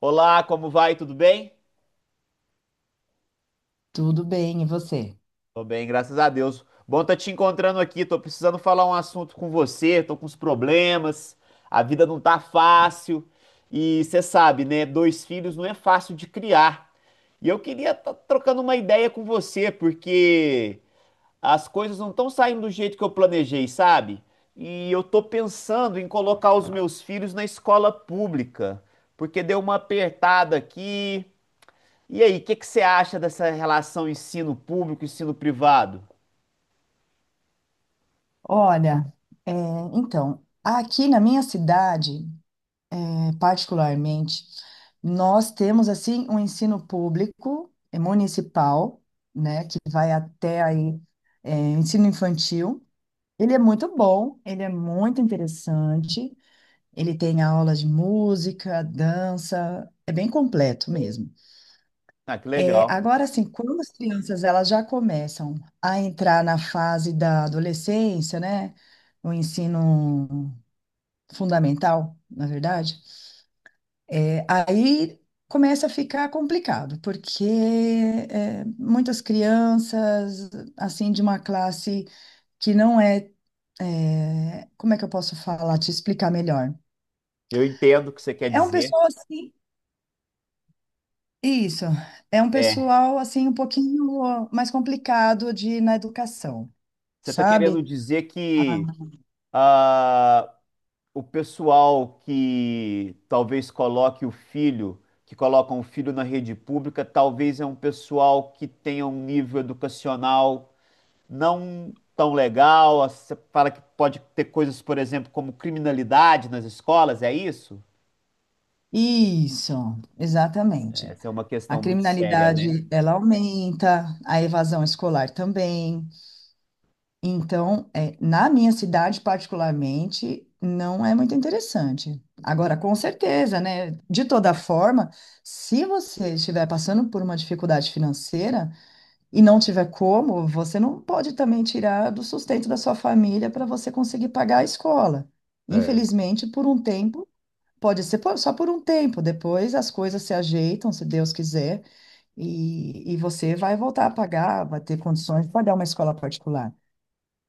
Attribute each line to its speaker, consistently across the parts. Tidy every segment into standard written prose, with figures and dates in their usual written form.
Speaker 1: Olá, como vai? Tudo bem?
Speaker 2: Tudo bem, e você?
Speaker 1: Tô bem, graças a Deus. Bom tá te encontrando aqui. Tô precisando falar um assunto com você. Tô com uns problemas. A vida não tá fácil. E você sabe, né? Dois filhos não é fácil de criar. E eu queria estar trocando uma ideia com você, porque as coisas não estão saindo do jeito que eu planejei, sabe? E eu tô pensando em colocar os meus filhos na escola pública, porque deu uma apertada aqui. E aí, o que que você acha dessa relação ensino público ensino privado?
Speaker 2: Olha, é, então, aqui na minha cidade, particularmente, nós temos assim um ensino público municipal, né, que vai até aí, ensino infantil. Ele é muito bom, ele é muito interessante, ele tem aulas de música, dança, é bem completo mesmo.
Speaker 1: Ah, que legal.
Speaker 2: Agora, assim, quando as crianças elas já começam a entrar na fase da adolescência, né? O ensino fundamental, na verdade, aí começa a ficar complicado, porque muitas crianças, assim, de uma classe que não é, como é que eu posso falar, te explicar melhor?
Speaker 1: Eu entendo o que você quer
Speaker 2: É um
Speaker 1: dizer.
Speaker 2: pessoal assim, isso, é um
Speaker 1: É.
Speaker 2: pessoal assim um pouquinho mais complicado de na educação.
Speaker 1: Você está querendo
Speaker 2: Sabe?
Speaker 1: dizer
Speaker 2: Ah,
Speaker 1: que ah, o pessoal que talvez coloque o filho, que colocam o filho na rede pública, talvez é um pessoal que tenha um nível educacional não tão legal. Você fala que pode ter coisas, por exemplo, como criminalidade nas escolas, é isso?
Speaker 2: isso, exatamente.
Speaker 1: Essa é uma
Speaker 2: A
Speaker 1: questão muito séria, né?
Speaker 2: criminalidade, ela aumenta, a evasão escolar também. Então, na minha cidade, particularmente, não é muito interessante. Agora, com certeza, né? De toda forma, se você estiver passando por uma dificuldade financeira e não tiver como, você não pode também tirar do sustento da sua família para você conseguir pagar a escola.
Speaker 1: É.
Speaker 2: Infelizmente, por um tempo. Pode ser só por um tempo, depois as coisas se ajeitam, se Deus quiser, e você vai voltar a pagar, vai ter condições de pagar uma escola particular,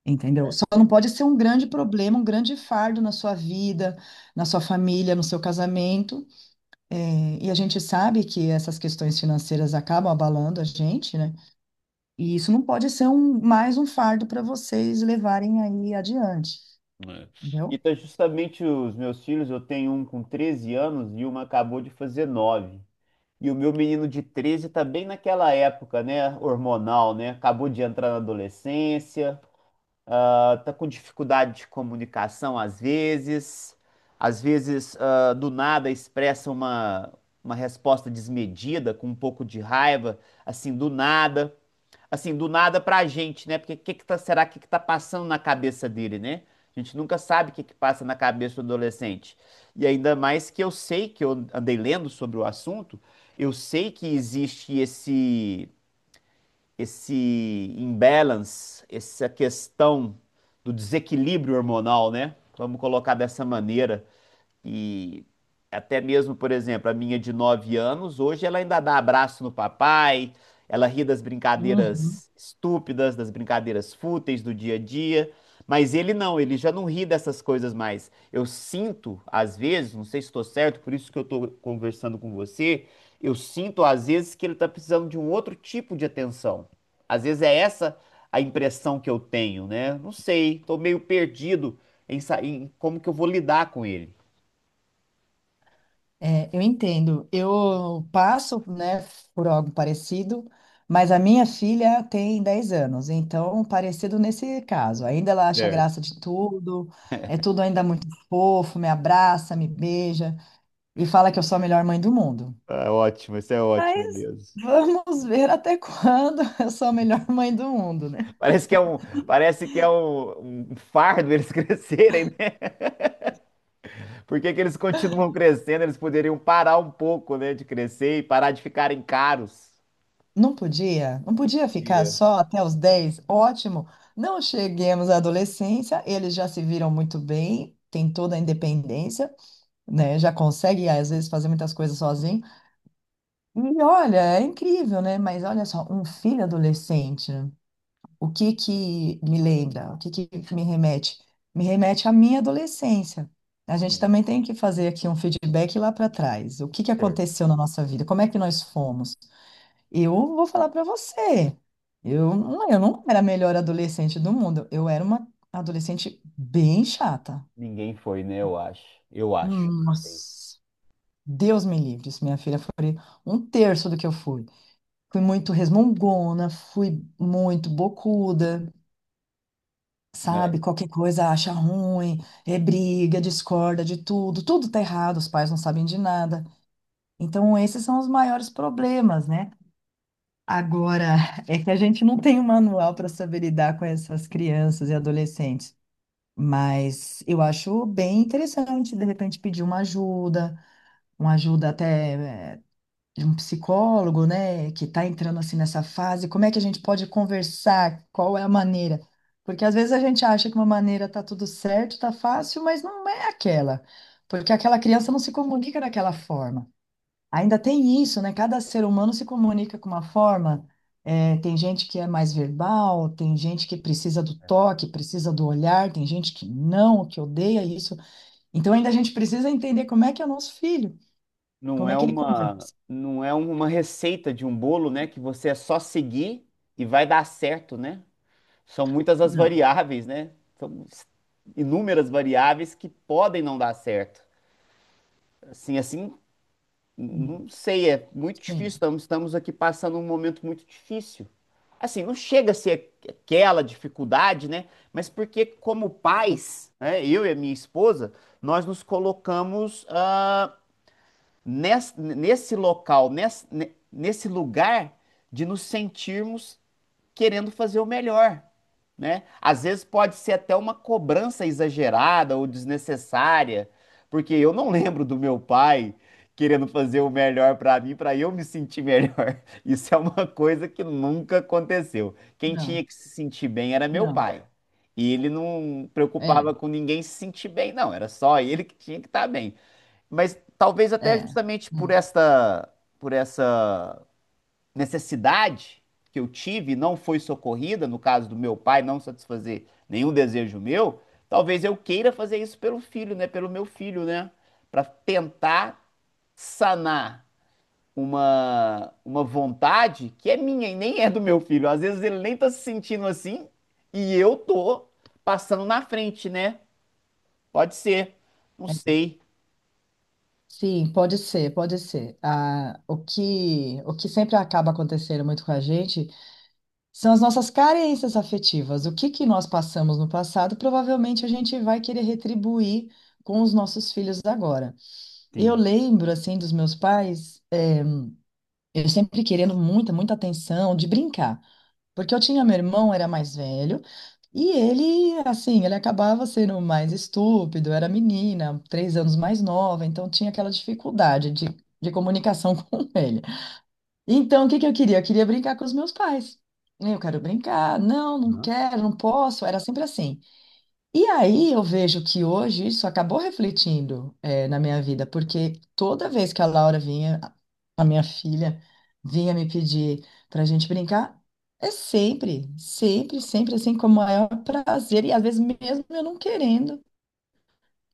Speaker 2: entendeu? Só não pode ser um grande problema, um grande fardo na sua vida, na sua família, no seu casamento. E a gente sabe que essas questões financeiras acabam abalando a gente, né? E isso não pode ser mais um fardo para vocês levarem aí adiante,
Speaker 1: É. E
Speaker 2: entendeu?
Speaker 1: tá justamente os meus filhos, eu tenho um com 13 anos e uma acabou de fazer 9. E o meu menino de 13 tá bem naquela época, né, hormonal, né? Acabou de entrar na adolescência, ah, tá com dificuldade de comunicação às vezes ah, do nada expressa uma resposta desmedida, com um pouco de raiva, assim, do nada assim, do nada pra gente, né? Porque o que que tá, será que tá passando na cabeça dele, né? A gente nunca sabe o que que passa na cabeça do adolescente. E ainda mais que eu sei que eu andei lendo sobre o assunto, eu sei que existe esse imbalance, essa questão do desequilíbrio hormonal, né? Vamos colocar dessa maneira, e até mesmo, por exemplo, a minha de 9 anos, hoje ela ainda dá abraço no papai, ela ri das
Speaker 2: Uhum.
Speaker 1: brincadeiras estúpidas, das brincadeiras fúteis do dia a dia. Mas ele não, ele já não ri dessas coisas mais. Eu sinto, às vezes, não sei se estou certo, por isso que eu estou conversando com você, eu sinto, às vezes, que ele está precisando de um outro tipo de atenção. Às vezes é essa a impressão que eu tenho, né? Não sei, estou meio perdido em como que eu vou lidar com ele.
Speaker 2: É, eu entendo. Eu passo, né, por algo parecido, mas a minha filha tem 10 anos, então parecido nesse caso. Ainda ela acha
Speaker 1: Certo.
Speaker 2: graça de tudo, é tudo ainda muito fofo, me abraça, me beija e fala que eu sou a melhor mãe do mundo.
Speaker 1: Tá ótimo, isso é ótimo
Speaker 2: Mas
Speaker 1: mesmo.
Speaker 2: vamos ver até quando eu sou a melhor mãe do mundo, né?
Speaker 1: Parece que é um, parece que é um, um fardo eles crescerem, né? Por que que eles continuam crescendo? Eles poderiam parar um pouco, né, de crescer e parar de ficarem caros.
Speaker 2: Não podia, não podia ficar
Speaker 1: Dia.
Speaker 2: só até os 10. Ótimo. Não cheguemos à adolescência, eles já se viram muito bem, têm toda a independência, né? Já consegue, às vezes, fazer muitas coisas sozinho. E olha, é incrível, né? Mas olha só, um filho adolescente, né? O que que me lembra? O que que me remete? Me remete à minha adolescência. A gente
Speaker 1: Sim,
Speaker 2: também tem que fazer aqui um feedback lá para trás. O que que
Speaker 1: certo.
Speaker 2: aconteceu na nossa vida? Como é que nós fomos? Eu vou falar para você. Eu não era a melhor adolescente do mundo. Eu era uma adolescente bem chata.
Speaker 1: Ninguém foi, né? Eu acho. Eu acho.
Speaker 2: Nossa. Deus me livre, se minha filha foi um terço do que eu fui. Fui muito resmungona, fui muito bocuda,
Speaker 1: É.
Speaker 2: sabe? Qualquer coisa acha ruim, é briga, discorda de tudo, tudo tá errado, os pais não sabem de nada. Então, esses são os maiores problemas, né? Agora, é que a gente não tem um manual para saber lidar com essas crianças e adolescentes, mas eu acho bem interessante, de repente, pedir uma ajuda até, de um psicólogo, né, que está entrando assim nessa fase, como é que a gente pode conversar? Qual é a maneira? Porque às vezes a gente acha que uma maneira tá tudo certo, tá fácil, mas não é aquela, porque aquela criança não se comunica daquela forma. Ainda tem isso, né? Cada ser humano se comunica com uma forma. É, tem gente que é mais verbal, tem gente que precisa do toque, precisa do olhar, tem gente que não, que odeia isso. Então ainda a gente precisa entender como é que é o nosso filho,
Speaker 1: Não
Speaker 2: como é
Speaker 1: é
Speaker 2: que ele
Speaker 1: uma,
Speaker 2: conversa.
Speaker 1: não é uma receita de um bolo, né? Que você é só seguir e vai dar certo, né? São muitas as
Speaker 2: Não.
Speaker 1: variáveis, né? São inúmeras variáveis que podem não dar certo. Assim, assim, não sei, é muito difícil.
Speaker 2: Sim,
Speaker 1: Estamos aqui passando um momento muito difícil. Assim, não chega a ser aquela dificuldade, né? Mas porque, como pais, né, eu e a minha esposa, nós nos colocamos ah, nes- nesse, local, nes- ne- nesse lugar de nos sentirmos querendo fazer o melhor, né? Às vezes pode ser até uma cobrança exagerada ou desnecessária, porque eu não lembro do meu pai querendo fazer o melhor para mim, para eu me sentir melhor. Isso é uma coisa que nunca aconteceu. Quem
Speaker 2: não,
Speaker 1: tinha que se sentir bem era meu
Speaker 2: não,
Speaker 1: pai. E ele não preocupava
Speaker 2: é,
Speaker 1: com ninguém se sentir bem, não. Era só ele que tinha que estar bem. Mas talvez
Speaker 2: é,
Speaker 1: até justamente por
Speaker 2: é.
Speaker 1: esta, por essa necessidade que eu tive não foi socorrida, no caso do meu pai não satisfazer nenhum desejo meu, talvez eu queira fazer isso pelo filho, né? Pelo meu filho, né? Para tentar sanar uma vontade que é minha e nem é do meu filho. Às vezes ele nem tá se sentindo assim e eu tô passando na frente, né? Pode ser. Não
Speaker 2: É.
Speaker 1: sei.
Speaker 2: Sim, pode ser, pode ser. Ah, o que sempre acaba acontecendo muito com a gente são as nossas carências afetivas. O que que nós passamos no passado, provavelmente a gente vai querer retribuir com os nossos filhos agora. Eu
Speaker 1: Sim.
Speaker 2: lembro, assim, dos meus pais, eu sempre querendo muita, muita atenção, de brincar. Porque eu tinha meu irmão, era mais velho, e ele, assim, ele acabava sendo mais estúpido, era menina, 3 anos mais nova, então tinha aquela dificuldade de comunicação com ele. Então, o que que eu queria? Eu queria brincar com os meus pais. Eu quero brincar, não, não
Speaker 1: Hã?
Speaker 2: quero, não posso. Era sempre assim. E aí eu vejo que hoje isso acabou refletindo, na minha vida, porque toda vez que a Laura vinha, a minha filha, vinha me pedir para a gente brincar, é sempre, sempre, sempre assim, com o maior prazer, e às vezes mesmo eu não querendo,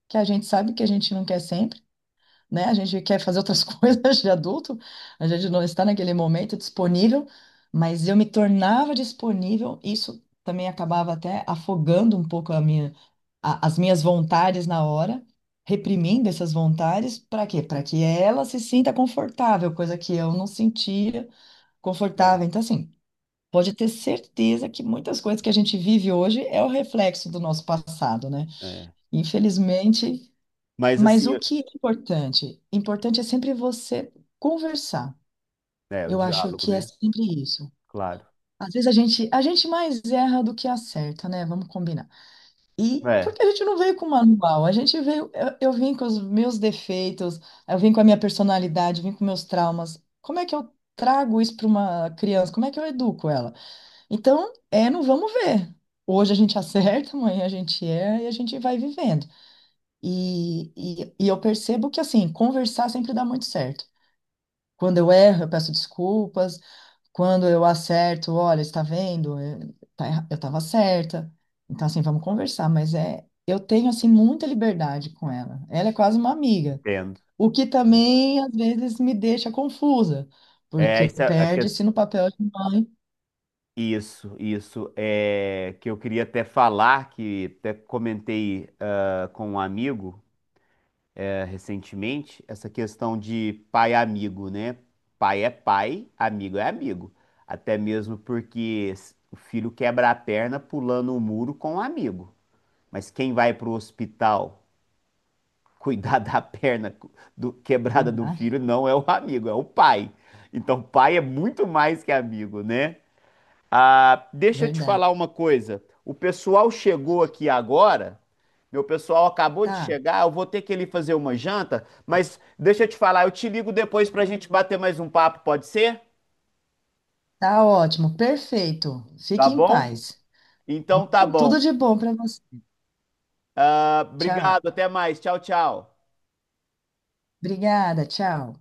Speaker 2: que a gente sabe que a gente não quer sempre, né? A gente quer fazer outras coisas de adulto, a gente não está naquele momento disponível, mas eu me tornava disponível, isso também acabava até afogando um pouco as minhas vontades na hora, reprimindo essas vontades, para quê? Para que ela se sinta confortável, coisa que eu não sentia
Speaker 1: É,
Speaker 2: confortável. Então, assim, pode ter certeza que muitas coisas que a gente vive hoje é o reflexo do nosso passado, né?
Speaker 1: é.
Speaker 2: Infelizmente,
Speaker 1: Mas
Speaker 2: mas
Speaker 1: assim,
Speaker 2: o que é importante? Importante é sempre você conversar.
Speaker 1: é, o
Speaker 2: Eu acho
Speaker 1: diálogo,
Speaker 2: que é
Speaker 1: né?
Speaker 2: sempre isso.
Speaker 1: Claro.
Speaker 2: Às vezes a gente mais erra do que acerta, né? Vamos combinar. E
Speaker 1: É,
Speaker 2: porque a gente não veio com manual, a gente veio, eu vim com os meus defeitos, eu vim com a minha personalidade, vim com meus traumas. Como é que eu trago isso para uma criança? Como é que eu educo ela? Então, é, não vamos ver. Hoje a gente acerta, amanhã a gente erra e a gente vai vivendo. E eu percebo que, assim, conversar sempre dá muito certo. Quando eu erro, eu peço desculpas. Quando eu acerto, olha, está vendo? Eu estava certa. Então, assim, vamos conversar. Mas é, eu tenho, assim, muita liberdade com ela. Ela é quase uma amiga.
Speaker 1: entendo.
Speaker 2: O que também, às vezes, me deixa confusa,
Speaker 1: É,
Speaker 2: porque
Speaker 1: isso, é a
Speaker 2: perde-se no papel de mãe.
Speaker 1: isso, isso é que eu queria até falar, que até comentei ah, com um amigo eh, recentemente, essa questão de pai amigo, né? Pai é pai, amigo é amigo. Até mesmo porque o filho quebra a perna pulando o muro com o amigo. Mas quem vai para o hospital cuidar da perna quebrada do
Speaker 2: Cuidar,
Speaker 1: filho não é o amigo, é o pai. Então, pai é muito mais que amigo, né? Ah, deixa eu te
Speaker 2: verdade.
Speaker 1: falar uma coisa. O pessoal chegou aqui agora. Meu pessoal acabou de
Speaker 2: Tá,
Speaker 1: chegar. Eu vou ter que ir ali fazer uma janta. Mas deixa eu te falar, eu te ligo depois pra gente bater mais um papo, pode ser?
Speaker 2: tá ótimo, perfeito.
Speaker 1: Tá
Speaker 2: Fique em
Speaker 1: bom?
Speaker 2: paz.
Speaker 1: Então tá
Speaker 2: Bom,
Speaker 1: bom.
Speaker 2: tudo de bom para você.
Speaker 1: Ah,
Speaker 2: Tchau.
Speaker 1: obrigado, até mais. Tchau, tchau.
Speaker 2: Obrigada, tchau.